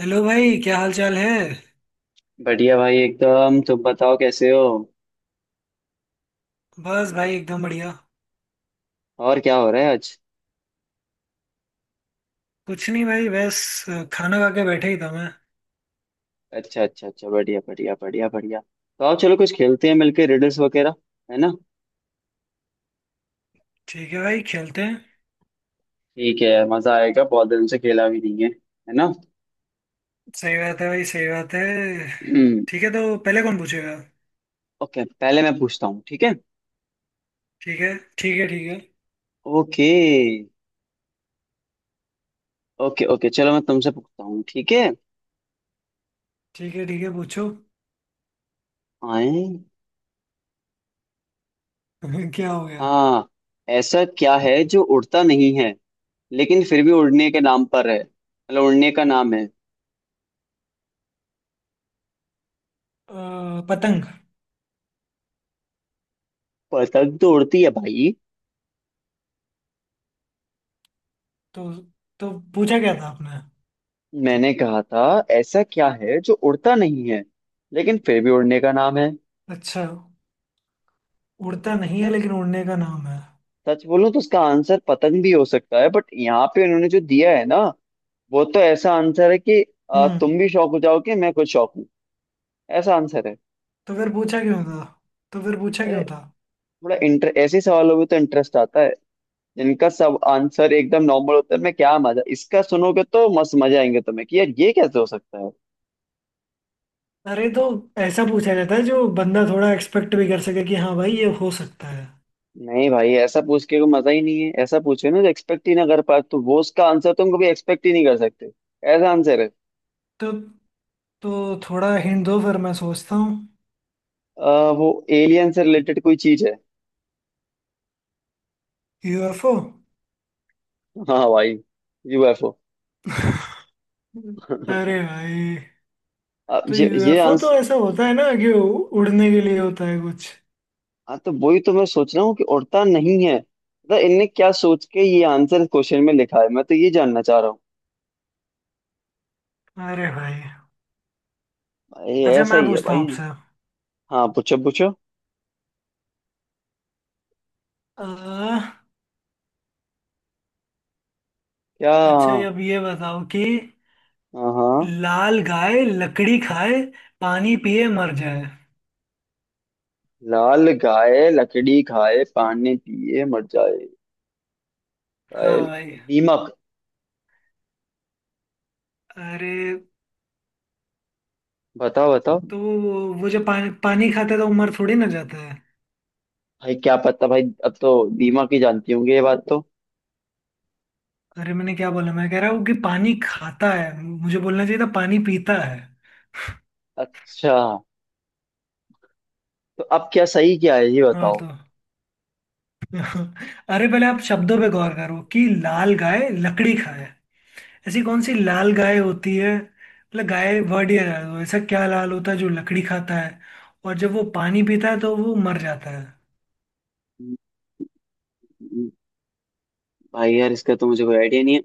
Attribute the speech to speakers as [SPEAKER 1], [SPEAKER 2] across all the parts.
[SPEAKER 1] Hello भाई क्या हाल चाल है।
[SPEAKER 2] बढ़िया भाई एकदम। तुम बताओ कैसे हो।
[SPEAKER 1] बस भाई एकदम बढ़िया।
[SPEAKER 2] और क्या हो रहा है आज।
[SPEAKER 1] कुछ नहीं भाई बस। खाना खा के बैठे ही था मैं।
[SPEAKER 2] अच्छा अच्छा अच्छा, बढ़िया बढ़िया बढ़िया बढ़िया। तो आओ चलो कुछ खेलते हैं मिलके रिडल्स वगैरह, है ना।
[SPEAKER 1] ठीक है भाई खेलते हैं।
[SPEAKER 2] ठीक है यार, मजा आएगा, बहुत दिन से खेला भी नहीं है, है ना।
[SPEAKER 1] सही बात है भाई सही बात है। ठीक है तो पहले कौन पूछेगा।
[SPEAKER 2] ओके, पहले मैं पूछता हूँ, ठीक है।
[SPEAKER 1] ठीक है ठीक है। ठीक है
[SPEAKER 2] ओके ओके ओके, चलो मैं तुमसे पूछता हूँ, ठीक है।
[SPEAKER 1] ठीक है ठीक है पूछो।
[SPEAKER 2] आए।
[SPEAKER 1] क्या हो गया।
[SPEAKER 2] हाँ, ऐसा क्या है जो उड़ता नहीं है लेकिन फिर भी उड़ने के नाम पर है, मतलब उड़ने का नाम है।
[SPEAKER 1] पतंग।
[SPEAKER 2] पतंग तो उड़ती है भाई।
[SPEAKER 1] तो तो पूछा क्या था आपने।
[SPEAKER 2] मैंने कहा था, ऐसा क्या है जो उड़ता नहीं है लेकिन फिर भी उड़ने का नाम है।
[SPEAKER 1] अच्छा। उड़ता नहीं है
[SPEAKER 2] मैं
[SPEAKER 1] लेकिन उड़ने का नाम है।
[SPEAKER 2] सच बोलूं तो उसका आंसर पतंग भी हो सकता है, बट यहाँ पे उन्होंने जो दिया है ना, वो तो ऐसा आंसर है कि
[SPEAKER 1] हम्म।
[SPEAKER 2] तुम भी शौक हो जाओगे, मैं खुद शौक हूँ। ऐसा आंसर है।
[SPEAKER 1] तो फिर पूछा क्यों था। तो फिर पूछा
[SPEAKER 2] अरे,
[SPEAKER 1] क्यों था।
[SPEAKER 2] थोड़ा इंटर ऐसे सवालों में तो इंटरेस्ट आता है। जिनका सब आंसर एकदम नॉर्मल होता है, मैं क्या मजा, इसका सुनोगे तो मस्त मजा आएंगे तुम्हें कि यार ये कैसे हो सकता है।
[SPEAKER 1] अरे तो ऐसा पूछा जाता है जो बंदा थोड़ा एक्सपेक्ट भी कर सके कि हाँ भाई ये हो सकता है।
[SPEAKER 2] नहीं भाई, ऐसा पूछ के कोई मजा ही नहीं है, ऐसा पूछे ना जो एक्सपेक्ट ही ना कर पाए तो वो उसका आंसर तुम कभी एक्सपेक्ट ही नहीं कर सकते। ऐसा आंसर है।
[SPEAKER 1] तो तो थोड़ा हिंट दो फिर मैं सोचता हूँ।
[SPEAKER 2] अ, वो एलियन से रिलेटेड कोई चीज है।
[SPEAKER 1] यूएफओ।
[SPEAKER 2] हाँ भाई, यूएफओ। अब
[SPEAKER 1] अरे भाई। तो
[SPEAKER 2] ये
[SPEAKER 1] यूएफओ तो
[SPEAKER 2] आंसर।
[SPEAKER 1] ऐसा होता है ना कि उड़ने के लिए होता है कुछ।
[SPEAKER 2] हाँ, तो वही तो मैं सोच रहा हूँ कि उड़ता नहीं है, मतलब इनने क्या सोच के ये आंसर क्वेश्चन में लिखा है, मैं तो ये जानना चाह रहा हूँ।
[SPEAKER 1] अरे भाई।
[SPEAKER 2] भाई
[SPEAKER 1] अच्छा
[SPEAKER 2] ऐसा
[SPEAKER 1] मैं
[SPEAKER 2] ही है
[SPEAKER 1] पूछता हूँ
[SPEAKER 2] भाई।
[SPEAKER 1] आपसे।
[SPEAKER 2] हाँ पूछो पूछो।
[SPEAKER 1] आ,
[SPEAKER 2] क्या,
[SPEAKER 1] अच्छा
[SPEAKER 2] हाँ।
[SPEAKER 1] अब ये बताओ कि
[SPEAKER 2] हाँ,
[SPEAKER 1] लाल गाय लकड़ी खाए पानी पिए मर जाए।
[SPEAKER 2] लाल गाय लकड़ी खाए पानी पिए मर जाए।
[SPEAKER 1] हाँ
[SPEAKER 2] गाय-
[SPEAKER 1] भाई।
[SPEAKER 2] दीमक।
[SPEAKER 1] अरे
[SPEAKER 2] बताओ बताओ।
[SPEAKER 1] तो वो जो पानी पानी खाता है तो वो मर थोड़ी ना जाता है।
[SPEAKER 2] भाई क्या पता भाई, अब तो दिमाग ही जानती होंगे ये बात तो।
[SPEAKER 1] अरे मैंने क्या बोला मैं कह रहा हूँ कि पानी खाता है मुझे बोलना चाहिए था पानी पीता है।
[SPEAKER 2] अच्छा, तो अब क्या सही क्या है ये
[SPEAKER 1] हाँ
[SPEAKER 2] बताओ।
[SPEAKER 1] तो। अरे पहले आप शब्दों पे गौर करो कि लाल गाय लकड़ी खाए। ऐसी कौन सी लाल गाय होती है मतलब गाय वर्ड ही है ऐसा क्या लाल होता है जो लकड़ी खाता है। और जब वो पानी पीता है तो वो मर जाता है।
[SPEAKER 2] हम्म, भाई यार इसका तो मुझे कोई आइडिया नहीं है।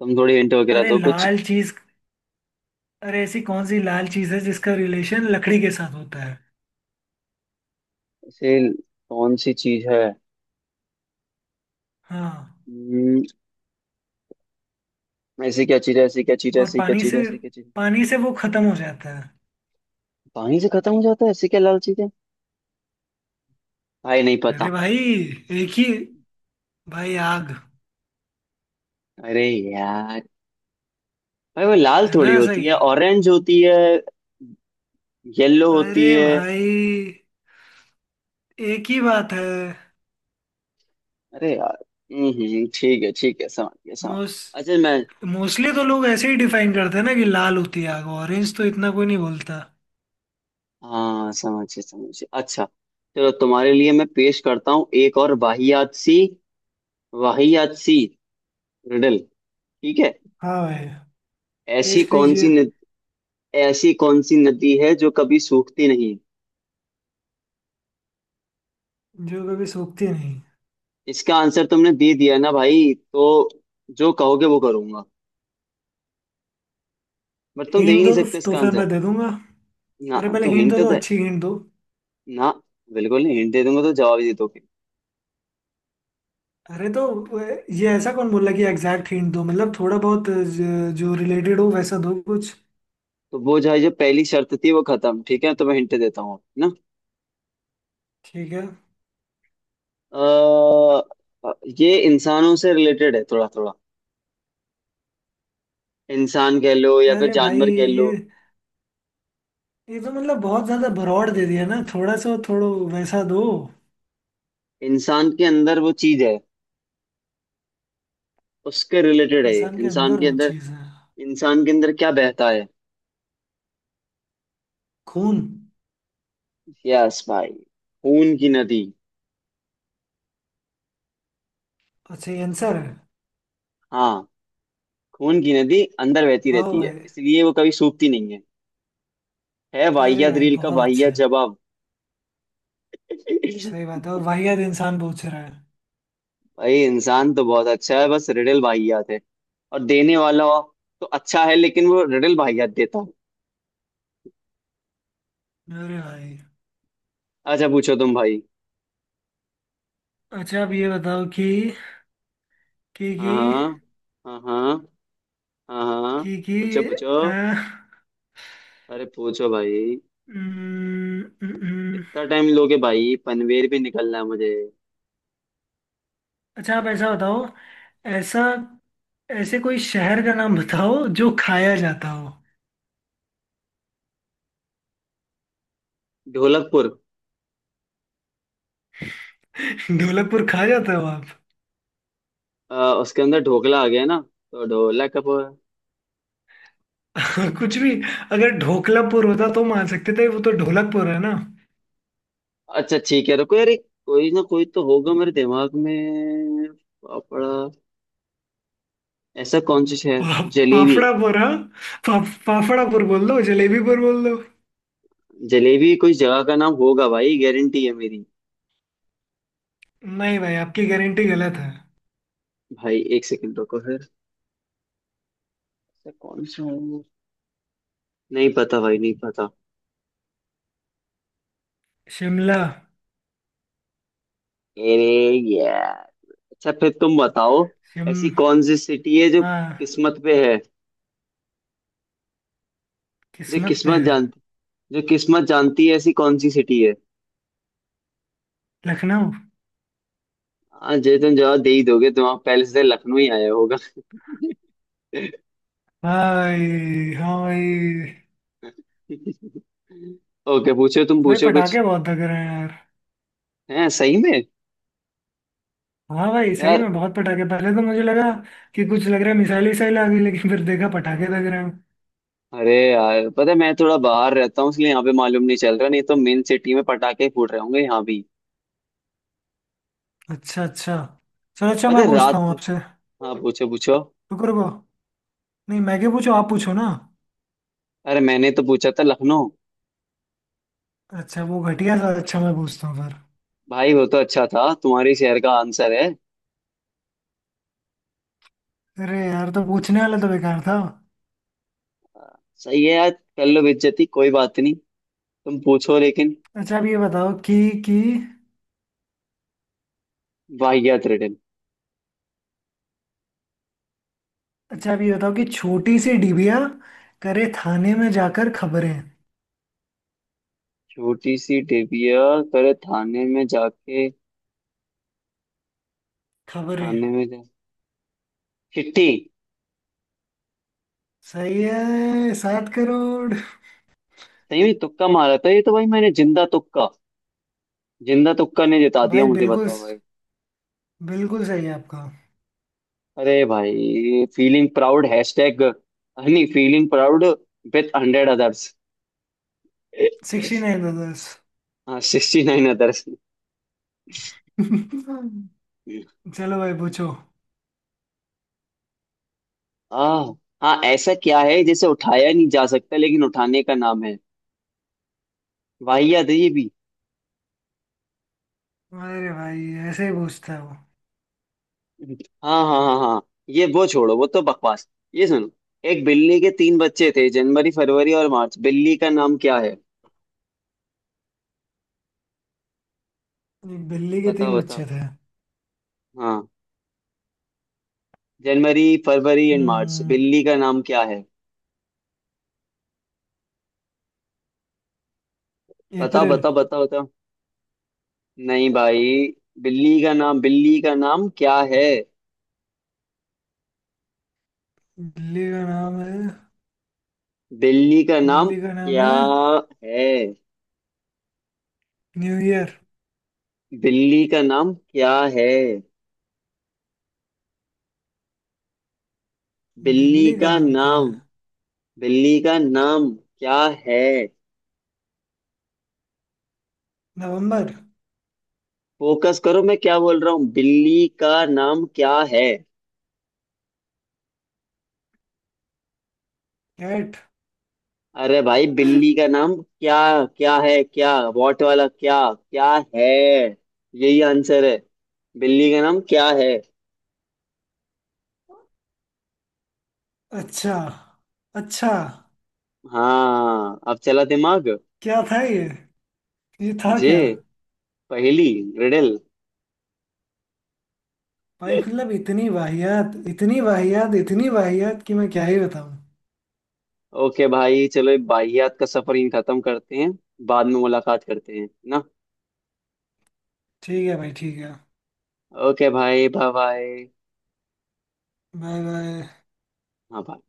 [SPEAKER 2] तुम थोड़ी हिंट वगैरह
[SPEAKER 1] अरे
[SPEAKER 2] दो कुछ।
[SPEAKER 1] लाल चीज। अरे ऐसी कौन सी लाल चीज है जिसका रिलेशन लकड़ी के साथ होता है।
[SPEAKER 2] ऐसे कौन सी चीज है।
[SPEAKER 1] हाँ।
[SPEAKER 2] हम्म, ऐसी क्या चीज है, ऐसी क्या चीज है,
[SPEAKER 1] और
[SPEAKER 2] ऐसी क्या
[SPEAKER 1] पानी
[SPEAKER 2] चीज
[SPEAKER 1] से
[SPEAKER 2] है, ऐसी क्या चीज है।
[SPEAKER 1] पानी से वो खत्म हो जाता है।
[SPEAKER 2] पानी से खत्म हो जाता है, ऐसी क्या लाल चीज है। भाई नहीं पता।
[SPEAKER 1] अरे भाई एक ही। भाई आग।
[SPEAKER 2] अरे यार, भाई वो लाल
[SPEAKER 1] है ना
[SPEAKER 2] थोड़ी होती
[SPEAKER 1] सही।
[SPEAKER 2] है, ऑरेंज होती है, येलो होती
[SPEAKER 1] अरे
[SPEAKER 2] है।
[SPEAKER 1] भाई एक ही बात है।
[SPEAKER 2] अरे यार। ठीक है ठीक है, समझ गया समझ
[SPEAKER 1] मोस
[SPEAKER 2] गया। अच्छा मैं।
[SPEAKER 1] मोस्टली तो लोग ऐसे ही डिफाइन करते हैं ना कि लाल होती है आग ऑरेंज तो इतना कोई नहीं बोलता।
[SPEAKER 2] हाँ समझिए समझिए। अच्छा, चलो तुम्हारे लिए मैं पेश करता हूँ एक और वाहियात सी रिडल, ठीक है।
[SPEAKER 1] हाँ भाई।
[SPEAKER 2] ऐसी
[SPEAKER 1] पेश
[SPEAKER 2] कौन सी
[SPEAKER 1] कीजिए।
[SPEAKER 2] ऐसी कौन सी नदी है जो कभी सूखती नहीं।
[SPEAKER 1] जो कभी सूखती नहीं।
[SPEAKER 2] इसका आंसर तुमने दे दिया ना भाई, तो जो कहोगे वो करूंगा, बट तुम दे ही
[SPEAKER 1] हिंट
[SPEAKER 2] नहीं
[SPEAKER 1] दो तो,
[SPEAKER 2] सकते
[SPEAKER 1] तो
[SPEAKER 2] इसका
[SPEAKER 1] फिर
[SPEAKER 2] आंसर।
[SPEAKER 1] मैं दे दूंगा।
[SPEAKER 2] ना
[SPEAKER 1] अरे पहले
[SPEAKER 2] तो
[SPEAKER 1] हिंट
[SPEAKER 2] हिंट
[SPEAKER 1] दो तो
[SPEAKER 2] तो
[SPEAKER 1] दो, अच्छी हिंट दो।
[SPEAKER 2] ना, बिल्कुल नहीं, हिंट दे दूंगा तो जवाब ही दे दोगे।
[SPEAKER 1] अरे तो ये ऐसा कौन बोला कि एग्जैक्ट हिंट दो मतलब थोड़ा बहुत जो रिलेटेड हो वैसा दो कुछ।
[SPEAKER 2] तो वो जो है जो पहली शर्त थी वो खत्म, ठीक है, तो मैं हिंट देता हूँ ना।
[SPEAKER 1] ठीक है।
[SPEAKER 2] अ, ये इंसानों से रिलेटेड है थोड़ा थोड़ा, इंसान कह लो या फिर
[SPEAKER 1] अरे भाई
[SPEAKER 2] जानवर कह
[SPEAKER 1] ये
[SPEAKER 2] लो।
[SPEAKER 1] ये तो मतलब बहुत ज्यादा भरौड़ दे दिया ना थोड़ा सा थोड़ो वैसा दो।
[SPEAKER 2] इंसान के अंदर वो चीज है, उसके रिलेटेड है ये।
[SPEAKER 1] इंसान के
[SPEAKER 2] इंसान
[SPEAKER 1] अंदर
[SPEAKER 2] के
[SPEAKER 1] वो
[SPEAKER 2] अंदर,
[SPEAKER 1] चीज है।
[SPEAKER 2] इंसान के अंदर क्या बहता है।
[SPEAKER 1] खून।
[SPEAKER 2] यस भाई, खून की नदी।
[SPEAKER 1] अच्छा ये आंसर है।
[SPEAKER 2] हाँ, खून की नदी अंदर बहती
[SPEAKER 1] वाह
[SPEAKER 2] रहती है,
[SPEAKER 1] भाई।
[SPEAKER 2] इसलिए वो कभी सूखती नहीं है। है
[SPEAKER 1] अरे
[SPEAKER 2] वाहियात
[SPEAKER 1] भाई
[SPEAKER 2] रील का
[SPEAKER 1] बहुत
[SPEAKER 2] वाहियात
[SPEAKER 1] अच्छे।
[SPEAKER 2] जवाब।
[SPEAKER 1] सही बात है और वाहियात इंसान पूछ रहा है।
[SPEAKER 2] भाई, इंसान तो बहुत अच्छा है, बस रिडल वाहियात है। और देने वाला तो अच्छा है लेकिन वो रिडल वाहियात देता है।
[SPEAKER 1] अरे भाई।
[SPEAKER 2] अच्छा पूछो तुम भाई।
[SPEAKER 1] अच्छा अब ये बताओ कि कि
[SPEAKER 2] हाँ हाँ हाँ हाँ हाँ,
[SPEAKER 1] कि
[SPEAKER 2] पूछो पूछो।
[SPEAKER 1] अ,
[SPEAKER 2] अरे पूछो भाई,
[SPEAKER 1] उम्म, उम्म, उम्म।
[SPEAKER 2] इतना टाइम लोगे भाई, पनवेल भी निकलना है मुझे।
[SPEAKER 1] अच्छा आप ऐसा बताओ। ऐसा ऐसे कोई शहर का नाम बताओ जो खाया जाता हो।
[SPEAKER 2] ढोलकपुर।
[SPEAKER 1] ढोलकपुर खा जाता हो आप।
[SPEAKER 2] अ, उसके अंदर ढोकला आ गया ना तो ढोलक कब।
[SPEAKER 1] कुछ भी। अगर ढोकलापुर होता तो मान सकते थे वो तो ढोलकपुर है ना।
[SPEAKER 2] अच्छा ठीक है, रुको यार, कोई ना कोई तो होगा मेरे दिमाग में। पापड़ा। ऐसा कौन सा शहर।
[SPEAKER 1] पा,
[SPEAKER 2] जलेबी।
[SPEAKER 1] पाफड़ापुर हाँ। पा, पाफड़ापुर बोल दो जलेबीपुर बोल दो।
[SPEAKER 2] जलेबी कोई जगह का नाम होगा भाई, गारंटी है मेरी।
[SPEAKER 1] नहीं भाई आपकी गारंटी गलत है।
[SPEAKER 2] भाई एक सेकंड रुको फिर, ऐसा कौन सा हो? नहीं पता भाई नहीं पता।
[SPEAKER 1] शिमला।
[SPEAKER 2] अरे यार। अच्छा फिर तुम बताओ,
[SPEAKER 1] शिम
[SPEAKER 2] ऐसी कौन सी सिटी है जो
[SPEAKER 1] हाँ
[SPEAKER 2] किस्मत पे है, जो
[SPEAKER 1] किस्मत पे
[SPEAKER 2] किस्मत,
[SPEAKER 1] है।
[SPEAKER 2] जो किस्मत जानती है, ऐसी कौन सी सिटी है।
[SPEAKER 1] लखनऊ।
[SPEAKER 2] हाँ जे तुम जवाब दे ही दोगे, तुम आप पहले से लखनऊ ही आया होगा।
[SPEAKER 1] भाई हाँ भाई।
[SPEAKER 2] ओके, पूछो तुम
[SPEAKER 1] भाई
[SPEAKER 2] पूछो कुछ।
[SPEAKER 1] पटाखे बहुत लग रहे हैं यार।
[SPEAKER 2] है, सही में।
[SPEAKER 1] हाँ भाई सही
[SPEAKER 2] यार,
[SPEAKER 1] में बहुत पटाखे पहले तो मुझे लगा कि कुछ लग रहा है मिसाइल विसाइल आ गई लेकिन फिर देखा पटाखे लग रहे हैं।
[SPEAKER 2] अरे यार पता है, मैं थोड़ा बाहर रहता हूँ इसलिए यहाँ पे मालूम नहीं चल रहा, नहीं तो मेन सिटी में पटाखे फूट रहे होंगे यहाँ भी।
[SPEAKER 1] अच्छा अच्छा। चलो अच्छा
[SPEAKER 2] पता
[SPEAKER 1] मैं
[SPEAKER 2] है
[SPEAKER 1] पूछता
[SPEAKER 2] रात।
[SPEAKER 1] हूँ आपसे।
[SPEAKER 2] हाँ पूछो पूछो।
[SPEAKER 1] रुको रुको। नहीं मैं क्या पूछूं आप पूछो ना।
[SPEAKER 2] अरे मैंने तो पूछा था लखनऊ।
[SPEAKER 1] अच्छा वो घटिया सा अच्छा मैं पूछता हूँ फिर।
[SPEAKER 2] भाई वो तो अच्छा था, तुम्हारे शहर का आंसर है।
[SPEAKER 1] अरे यार तो पूछने वाला तो बेकार था।
[SPEAKER 2] सही है यार, कर लो बेइज्जती, कोई बात नहीं, तुम पूछो लेकिन।
[SPEAKER 1] अच्छा अब ये बताओ कि।
[SPEAKER 2] वाहियात रिडल।
[SPEAKER 1] अच्छा अब ये बताओ कि छोटी सी डिबिया करे थाने में जाकर खबरें
[SPEAKER 2] छोटी सी टिबिया करे थाने में जाके,
[SPEAKER 1] खबरें
[SPEAKER 2] थाने में जा, चिट्ठी।
[SPEAKER 1] सही है 7 करोड़।
[SPEAKER 2] सही में तुक्का मारा था ये तो भाई, मैंने जिंदा तुक्का, जिंदा तुक्का ने जिता दिया
[SPEAKER 1] भाई
[SPEAKER 2] मुझे,
[SPEAKER 1] बिल्कुल।
[SPEAKER 2] बताओ भाई।
[SPEAKER 1] बिल्कुल सही है आपका।
[SPEAKER 2] अरे भाई, फीलिंग प्राउड हैशटैग नहीं, फीलिंग प्राउड विथ 100 अदर्स।
[SPEAKER 1] 69 10।
[SPEAKER 2] हाँ, 69 अदर्स।
[SPEAKER 1] चलो भाई पूछो।
[SPEAKER 2] आ। हाँ, ऐसा क्या है जिसे उठाया नहीं जा सकता लेकिन उठाने का नाम है। वाहियात है ये भी।
[SPEAKER 1] अरे भाई ऐसे ही पूछता है वो।
[SPEAKER 2] हाँ हाँ हाँ हाँ, ये वो छोड़ो, वो तो बकवास। ये सुनो, एक बिल्ली के तीन बच्चे थे, जनवरी फरवरी और मार्च, बिल्ली का नाम क्या है।
[SPEAKER 1] एक बिल्ली के
[SPEAKER 2] बताओ
[SPEAKER 1] तीन
[SPEAKER 2] बताओ।
[SPEAKER 1] बच्चे थे।
[SPEAKER 2] हाँ, जनवरी फरवरी एंड मार्च,
[SPEAKER 1] हम्म।
[SPEAKER 2] बिल्ली का नाम क्या है। बताओ
[SPEAKER 1] अप्रैल।
[SPEAKER 2] बताओ बताओ बताओ। नहीं भाई, बिल्ली का नाम, बिल्ली का नाम क्या है,
[SPEAKER 1] बिल्ली का नाम है।
[SPEAKER 2] बिल्ली का नाम
[SPEAKER 1] बिल्ली का नाम
[SPEAKER 2] क्या
[SPEAKER 1] है
[SPEAKER 2] है,
[SPEAKER 1] न्यू ईयर।
[SPEAKER 2] बिल्ली का नाम क्या है, बिल्ली
[SPEAKER 1] बिल्ली का
[SPEAKER 2] का
[SPEAKER 1] नाम क्या
[SPEAKER 2] नाम,
[SPEAKER 1] है।
[SPEAKER 2] बिल्ली का नाम क्या है।
[SPEAKER 1] नवंबर।
[SPEAKER 2] फोकस करो, मैं क्या बोल रहा हूँ, बिल्ली का नाम क्या है।
[SPEAKER 1] कैट।
[SPEAKER 2] अरे भाई, बिल्ली का नाम क्या, क्या है, क्या वॉट वाला क्या, क्या है, यही आंसर है, बिल्ली का नाम क्या है।
[SPEAKER 1] अच्छा अच्छा।
[SPEAKER 2] हाँ, अब चला दिमाग।
[SPEAKER 1] क्या था ये। ये था
[SPEAKER 2] जे
[SPEAKER 1] क्या।
[SPEAKER 2] पहेली, रिडल।
[SPEAKER 1] भाई मतलब इतनी वाहियात इतनी वाहियात इतनी वाहियात कि मैं क्या ही बताऊं।
[SPEAKER 2] ओके भाई, चलो बाहियात का सफर यहीं खत्म करते हैं, बाद में मुलाकात करते हैं ना।
[SPEAKER 1] ठीक है भाई ठीक है।
[SPEAKER 2] ओके भाई बाय बाय।
[SPEAKER 1] Bye bye.
[SPEAKER 2] हाँ bye।